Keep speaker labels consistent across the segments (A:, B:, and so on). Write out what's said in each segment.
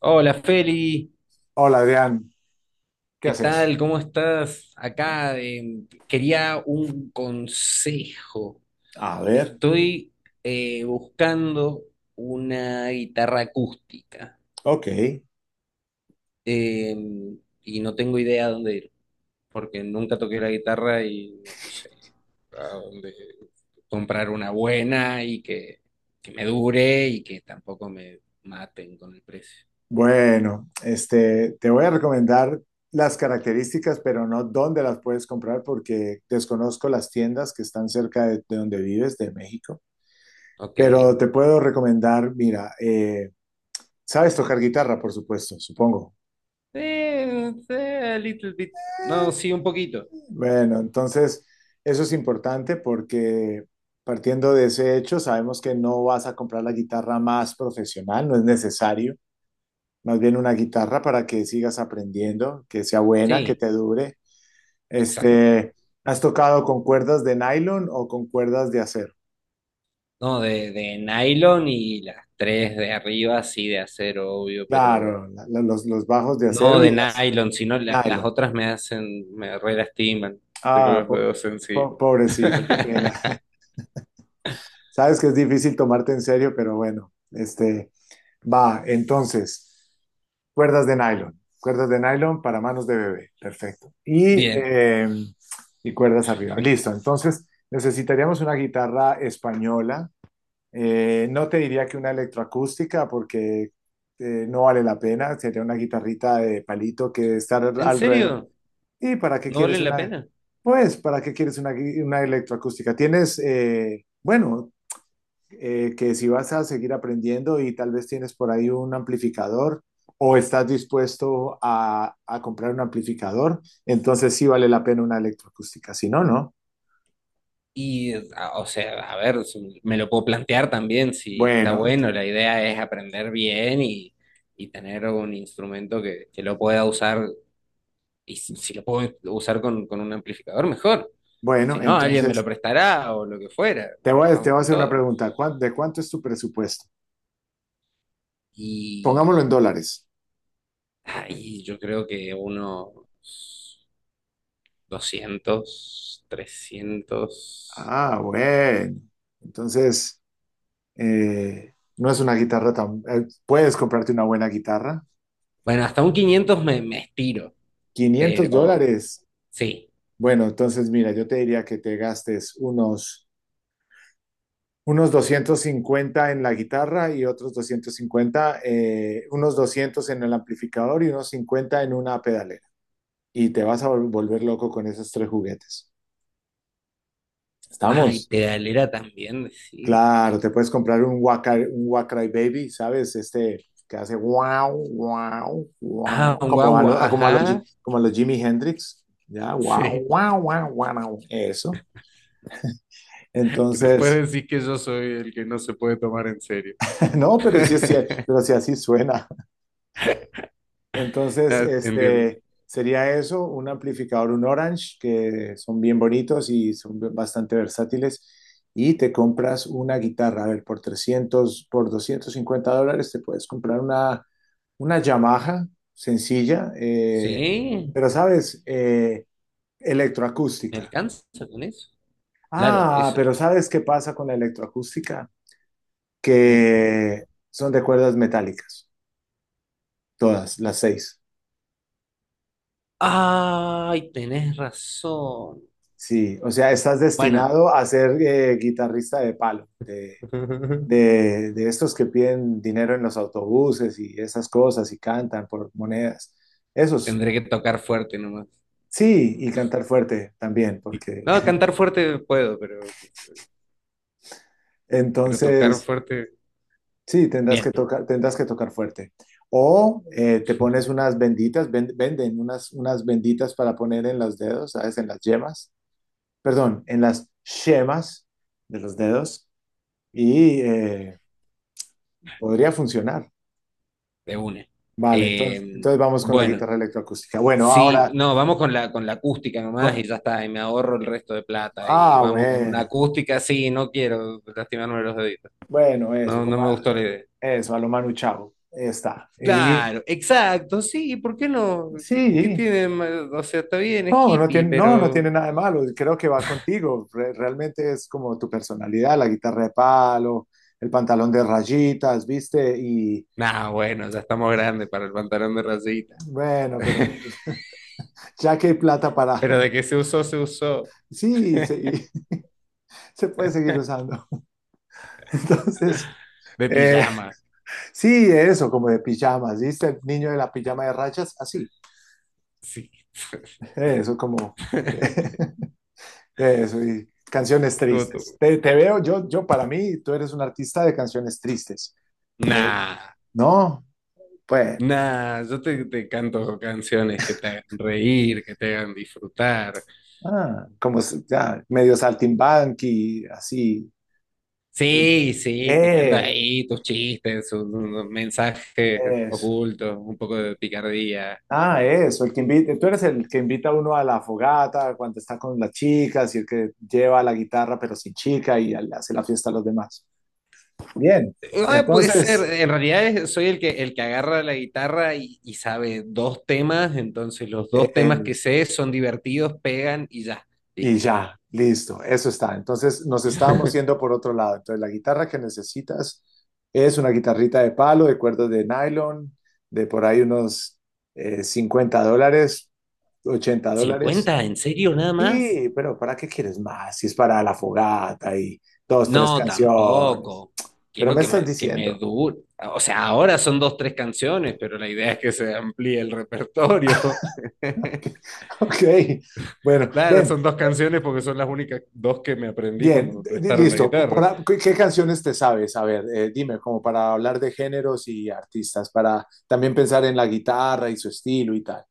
A: Hola Feli,
B: Hola Adrián, ¿qué
A: ¿qué
B: haces?
A: tal? ¿Cómo estás? Acá quería un consejo.
B: A ver,
A: Estoy buscando una guitarra acústica
B: ok.
A: eh, y no tengo idea dónde ir, porque nunca toqué la guitarra y no sé a dónde comprar una buena y que me dure y que tampoco me maten con el precio.
B: Bueno, este, te voy a recomendar las características, pero no dónde las puedes comprar porque desconozco las tiendas que están cerca de donde vives, de México.
A: Ok. Eh,
B: Pero te puedo recomendar, mira, sabes tocar guitarra, por supuesto, supongo.
A: eh, a little bit. No, sí, un poquito.
B: Bueno, entonces eso es importante porque partiendo de ese hecho, sabemos que no vas a comprar la guitarra más profesional, no es necesario. Más bien una guitarra para que sigas aprendiendo, que sea buena, que
A: Sí,
B: te dure.
A: exacto.
B: Este, ¿has tocado con cuerdas de nylon o con cuerdas de acero?
A: No, de nylon y las tres de arriba, sí, de acero, obvio, pero
B: Claro, los bajos de
A: no
B: acero y
A: de
B: las
A: nylon, sino las
B: nylon.
A: otras me hacen, me re lastiman. Tengo
B: Ah,
A: los dedos sensibles.
B: pobrecito, qué pena. Sabes que es difícil tomarte en serio, pero bueno, este, va, entonces, cuerdas de nylon para manos de bebé, perfecto.
A: Bien.
B: Y cuerdas arriba, listo. Entonces, necesitaríamos una guitarra española. No te diría que una electroacústica porque no vale la pena, sería una guitarrita de palito que debe estar
A: ¿En
B: alrededor.
A: serio?
B: ¿Y para qué
A: ¿No
B: quieres
A: valen la
B: una?
A: pena?
B: Pues, ¿para qué quieres una, una electroacústica? Tienes, bueno, que si vas a seguir aprendiendo y tal vez tienes por ahí un amplificador o estás dispuesto a comprar un amplificador, entonces sí vale la pena una electroacústica, si no, no.
A: Y, o sea, a ver, me lo puedo plantear también si está
B: Bueno,
A: bueno.
B: te-
A: La idea es aprender bien y tener un instrumento que lo pueda usar. Y si lo puedo usar con un amplificador, mejor.
B: bueno,
A: Si no, alguien me lo
B: entonces
A: prestará o lo que fuera.
B: te voy a, te
A: Vamos
B: voy a
A: con
B: hacer una
A: todo.
B: pregunta. De cuánto es tu presupuesto?
A: Y
B: Pongámoslo en dólares.
A: ahí yo creo que unos 200 300.
B: Ah, bueno. Entonces, no es una guitarra tan puedes comprarte una buena guitarra.
A: Bueno, hasta un 500 me estiro,
B: quinientos
A: pero
B: dólares.
A: sí.
B: Bueno, entonces mira, yo te diría que te gastes unos 250 en la guitarra y otros 250, unos 200 en el amplificador y unos 50 en una pedalera. Y te vas a volver loco con esos tres juguetes.
A: Ay,
B: ¿Estamos?
A: pedalera también, sí.
B: Claro, te puedes comprar un Wacry Baby, ¿sabes? Este que hace wow, wow,
A: Ah,
B: wow,
A: un
B: como a,
A: guagua,
B: como a los,
A: ajá.
B: como a los Jimi Hendrix. Ya, wow,
A: Sí,
B: wow, wow, wow, eso.
A: que
B: Entonces,
A: después decís que yo soy el que no se puede tomar en serio.
B: no, pero sí así suena. Entonces,
A: Ya, entiendo.
B: este sería eso, un amplificador, un Orange, que son bien bonitos y son bastante versátiles. Y te compras una guitarra, a ver, por 300, por $250 te puedes comprar una Yamaha sencilla,
A: Sí,
B: pero sabes,
A: ¿me
B: electroacústica.
A: alcanza con eso? Claro,
B: Ah,
A: eso,
B: pero ¿sabes qué pasa con la electroacústica?
A: sí.
B: Que son de cuerdas metálicas, todas, las seis.
A: Ay, tenés razón.
B: Sí, o sea, estás
A: Bueno,
B: destinado a ser guitarrista de palo, de, de, de estos que piden dinero en los autobuses y esas cosas y cantan por monedas. Esos,
A: tendré que tocar fuerte nomás.
B: sí, y cantar fuerte también,
A: Sí.
B: porque
A: No, cantar fuerte puedo, pero, pero tocar
B: entonces,
A: fuerte,
B: sí, tendrás que
A: bien,
B: tocar, tendrás que tocar fuerte. O te pones unas benditas, venden unas benditas para poner en los dedos, ¿sabes? En las yemas, perdón, en las yemas de los dedos y podría funcionar.
A: de una.
B: Vale, entonces,
A: Eh,
B: entonces vamos con la
A: bueno,
B: guitarra electroacústica. Bueno,
A: sí,
B: ahora,
A: no, vamos con la acústica nomás
B: con-
A: y ya está, y me ahorro el resto de plata. Y
B: ah,
A: vamos con una acústica, sí, no quiero lastimarme los deditos.
B: bueno, eso,
A: No, no me gustó la idea.
B: eso, a lo Manu Chao, está. Y
A: Claro, exacto, sí, ¿por qué no? ¿Qué
B: sí,
A: tiene de malo? O sea, está bien, es
B: no, no
A: hippie,
B: tiene, no, no
A: pero...
B: tiene nada de malo, creo que va contigo, realmente es como tu personalidad, la guitarra de palo, el pantalón de rayitas, ¿viste? Y
A: Nah, bueno, ya estamos grandes para el pantalón de rayita.
B: bueno, pero ya que hay plata para,
A: Pero de que se usó, se usó.
B: sí, se, y se puede seguir usando. Entonces,
A: De
B: eh,
A: pijama,
B: sí, eso, como de pijamas, ¿viste? El niño de la pijama de rayas, así.
A: sí.
B: Eso, como. Eso, y canciones
A: Estuvo
B: tristes.
A: tu-
B: Te veo, yo para mí, tú eres un artista de canciones tristes,
A: Nah,
B: ¿no? Pues,
A: nah, yo te canto canciones que te hagan reír, que te hagan disfrutar.
B: ah, ya, medio saltimbanqui, así.
A: Sí, sí, tirando
B: Eh,
A: ahí tus chistes, sus mensajes
B: eso.
A: ocultos, un poco de picardía.
B: Ah, eso, el que invita, tú eres el que invita a uno a la fogata cuando está con las chicas y el que lleva la guitarra pero sin chica y le hace la fiesta a los demás. Bien,
A: Ah, puede ser,
B: entonces.
A: en realidad soy el que agarra la guitarra y sabe dos temas, entonces los dos temas que
B: Es-
A: sé son divertidos, pegan y ya,
B: y
A: listo.
B: ya, listo, eso está. Entonces nos estábamos yendo por otro lado. Entonces la guitarra que necesitas es una guitarrita de palo, de cuerdas de nylon, de por ahí unos $50, $80.
A: ¿50? ¿En serio nada más?
B: Sí, pero ¿para qué quieres más? Si es para la fogata y dos, tres
A: No,
B: canciones.
A: tampoco.
B: Pero
A: Quiero
B: me
A: que
B: estás
A: me, que me
B: diciendo.
A: dure. O sea, ahora son dos, tres canciones, pero la idea es que se amplíe el repertorio.
B: Ok, bueno,
A: Claro,
B: ven,
A: son dos canciones porque son las únicas dos que me aprendí cuando
B: bien,
A: me prestaron la
B: listo.
A: guitarra.
B: ¿Qué canciones te sabes? A ver, dime, como para hablar de géneros y artistas, para también pensar en la guitarra y su estilo y tal.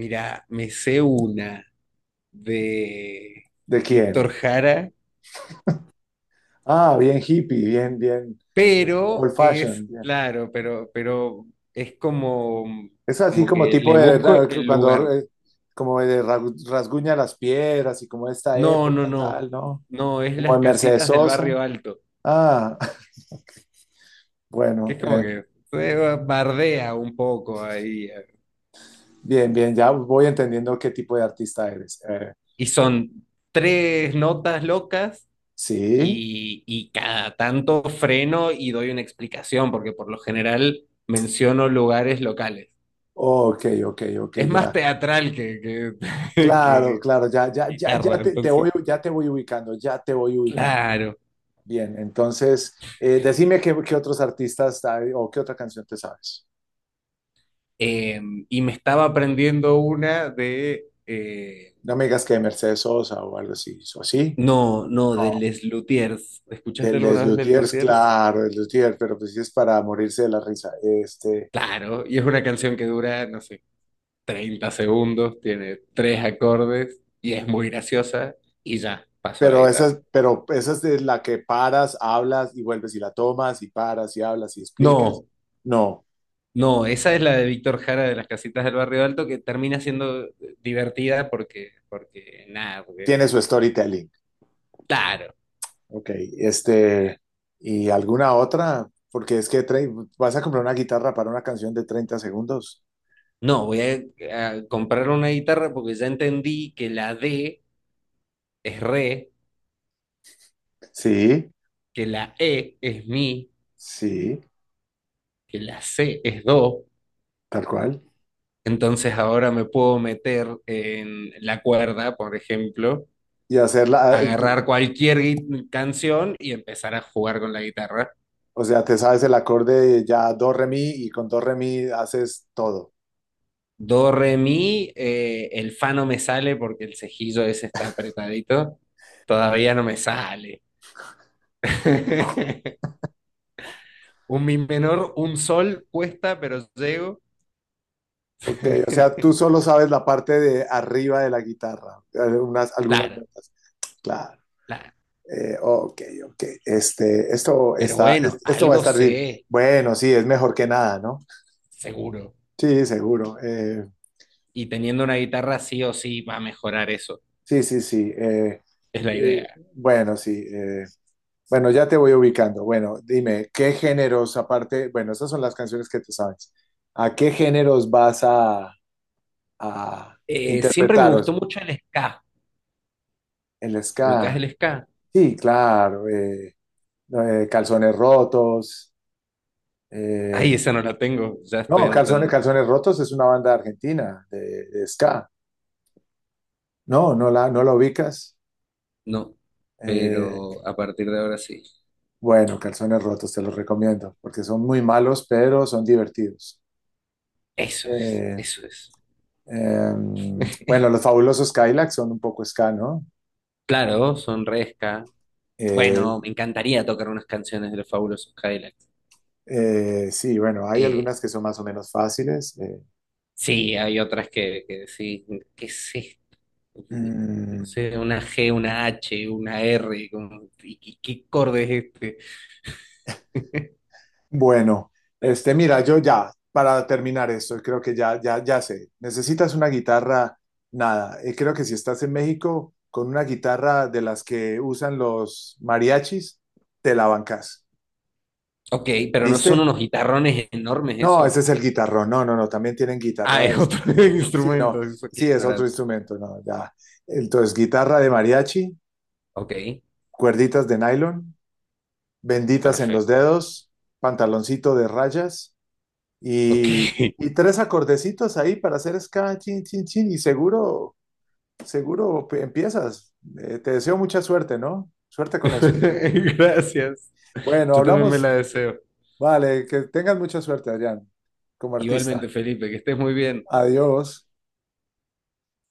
A: Mira, me sé una de
B: ¿De quién?
A: Víctor Jara,
B: Ah, bien hippie, bien, bien, old
A: pero es,
B: fashion, bien.
A: claro, pero es como,
B: Es así
A: como
B: como
A: que
B: tipo
A: le
B: de,
A: busco el
B: cuando,
A: lugar.
B: como de rasguña las piedras y como esta
A: No, no,
B: época,
A: no,
B: tal, ¿no?
A: no, es
B: Como
A: las
B: de Mercedes
A: casitas del
B: Sosa.
A: barrio alto,
B: Ah,
A: que
B: bueno,
A: es como que se bardea un poco ahí.
B: bien, bien, ya voy entendiendo qué tipo de artista eres.
A: Y son tres notas locas
B: Sí.
A: y cada tanto freno y doy una explicación, porque por lo general menciono lugares locales.
B: Ok, ok, ok,
A: Es
B: ya.
A: más teatral que,
B: Claro,
A: que
B: claro, ya, ya, ya, ya
A: guitarra,
B: te
A: entonces,
B: voy, ya te voy ubicando, ya te voy ubicando.
A: claro.
B: Bien, entonces, decime qué, otros artistas hay o qué... otra canción te sabes.
A: Eh, y me estaba aprendiendo una de,
B: No me digas que de Mercedes Sosa o algo así, ¿o sí?
A: no, no, de
B: No,
A: Les Luthiers.
B: de
A: ¿Escuchaste
B: Les
A: alguna vez Les
B: Luthiers,
A: Luthiers?
B: claro, Les Luthiers, pero pues sí es para morirse de la risa. Este,
A: Claro, y es una canción que dura, no sé, 30 segundos, tiene tres acordes y es muy graciosa y ya, pasó la guitarra.
B: pero esa es de la que paras, hablas y vuelves y la tomas y paras y hablas y explicas.
A: No,
B: No,
A: no, esa es la de Víctor Jara de las casitas del barrio alto que termina siendo divertida porque, nada, porque es...
B: tiene su storytelling.
A: Claro,
B: Ok, este, ¿y alguna otra? Porque es que tre- vas a comprar una guitarra para una canción de 30 segundos.
A: no, voy a comprar una guitarra porque ya entendí que la D es re,
B: Sí,
A: que la E es mi,
B: sí,
A: que la C es do.
B: tal cual.
A: Entonces ahora me puedo meter en la cuerda, por ejemplo,
B: Y hacerla,
A: agarrar cualquier canción y empezar a jugar con la guitarra.
B: o sea, te sabes el acorde ya do, re, mi, y con do, re, mi haces todo.
A: Do, re, mi, el fa no me sale porque el cejillo ese está apretadito. Todavía no me sale. Un mi menor, un sol cuesta, pero llego.
B: Ok, o sea, tú solo sabes la parte de arriba de la guitarra, unas, algunas
A: Claro,
B: notas. Claro.
A: claro.
B: Ok, ok. Este, esto
A: Pero
B: está,
A: bueno,
B: esto va a
A: algo
B: estar, dif-
A: sé,
B: bueno, sí, es mejor que nada, ¿no?
A: seguro.
B: Sí, seguro.
A: Y teniendo una guitarra sí o sí va a mejorar eso.
B: Sí, sí, sí.
A: Es la idea.
B: Bueno, sí. Bueno, ya te voy ubicando. Bueno, dime, ¿qué géneros, aparte, bueno, esas son las canciones que tú sabes. ¿A qué géneros vas a
A: Siempre me gustó
B: interpretaros?
A: mucho el ska.
B: El ska.
A: ¿Ubicás el ska?
B: Sí, claro. No, calzones rotos. Eh,
A: Ay, esa no la tengo. Ya estoy
B: no, calzones,
A: anotando.
B: calzones rotos es una banda argentina de ska. No, no la, no la ubicas.
A: No.
B: Eh,
A: Pero a partir de ahora sí.
B: bueno, calzones rotos, te los recomiendo, porque son muy malos, pero son divertidos.
A: Eso es,
B: Eh,
A: eso es.
B: eh, bueno, los fabulosos Cadillacs son un poco ska, ¿no?
A: Claro, son re ska. Bueno,
B: Eh,
A: me encantaría tocar unas canciones de los Fabulosos Cadillacs.
B: sí, bueno, hay
A: Eh,
B: algunas que son más o menos fáciles.
A: sí, hay otras que sí. ¿Qué es esto? eh,
B: Mm,
A: no sé, una G, una H, una R, como, ¿qué acorde es este?
B: bueno, este, mira, yo ya, para terminar esto, creo que ya, ya, ya sé. Necesitas una guitarra, nada. Creo que si estás en México con una guitarra de las que usan los mariachis, te la bancas.
A: Ok, pero no son
B: ¿Viste?
A: unos guitarrones enormes
B: No,
A: eso.
B: ese es el guitarrón. No, no, no, también tienen
A: Ah, es
B: guitarras
A: otro
B: Sí, no,
A: instrumento, eso qué
B: sí, es otro
A: ignorante.
B: instrumento, no, ya. Entonces, guitarra de mariachi,
A: Ok,
B: cuerditas de nylon, benditas en los
A: perfecto.
B: dedos, pantaloncito de rayas
A: Ok,
B: y, y tres acordecitos ahí para hacer ska, chin, chin, chin, y seguro, seguro empiezas. Te deseo mucha suerte, ¿no? Suerte con eso.
A: gracias.
B: Bueno,
A: Yo también me la
B: hablamos.
A: deseo.
B: Vale, que tengas mucha suerte, Adrián, como artista.
A: Igualmente, Felipe, que estés muy bien.
B: Adiós.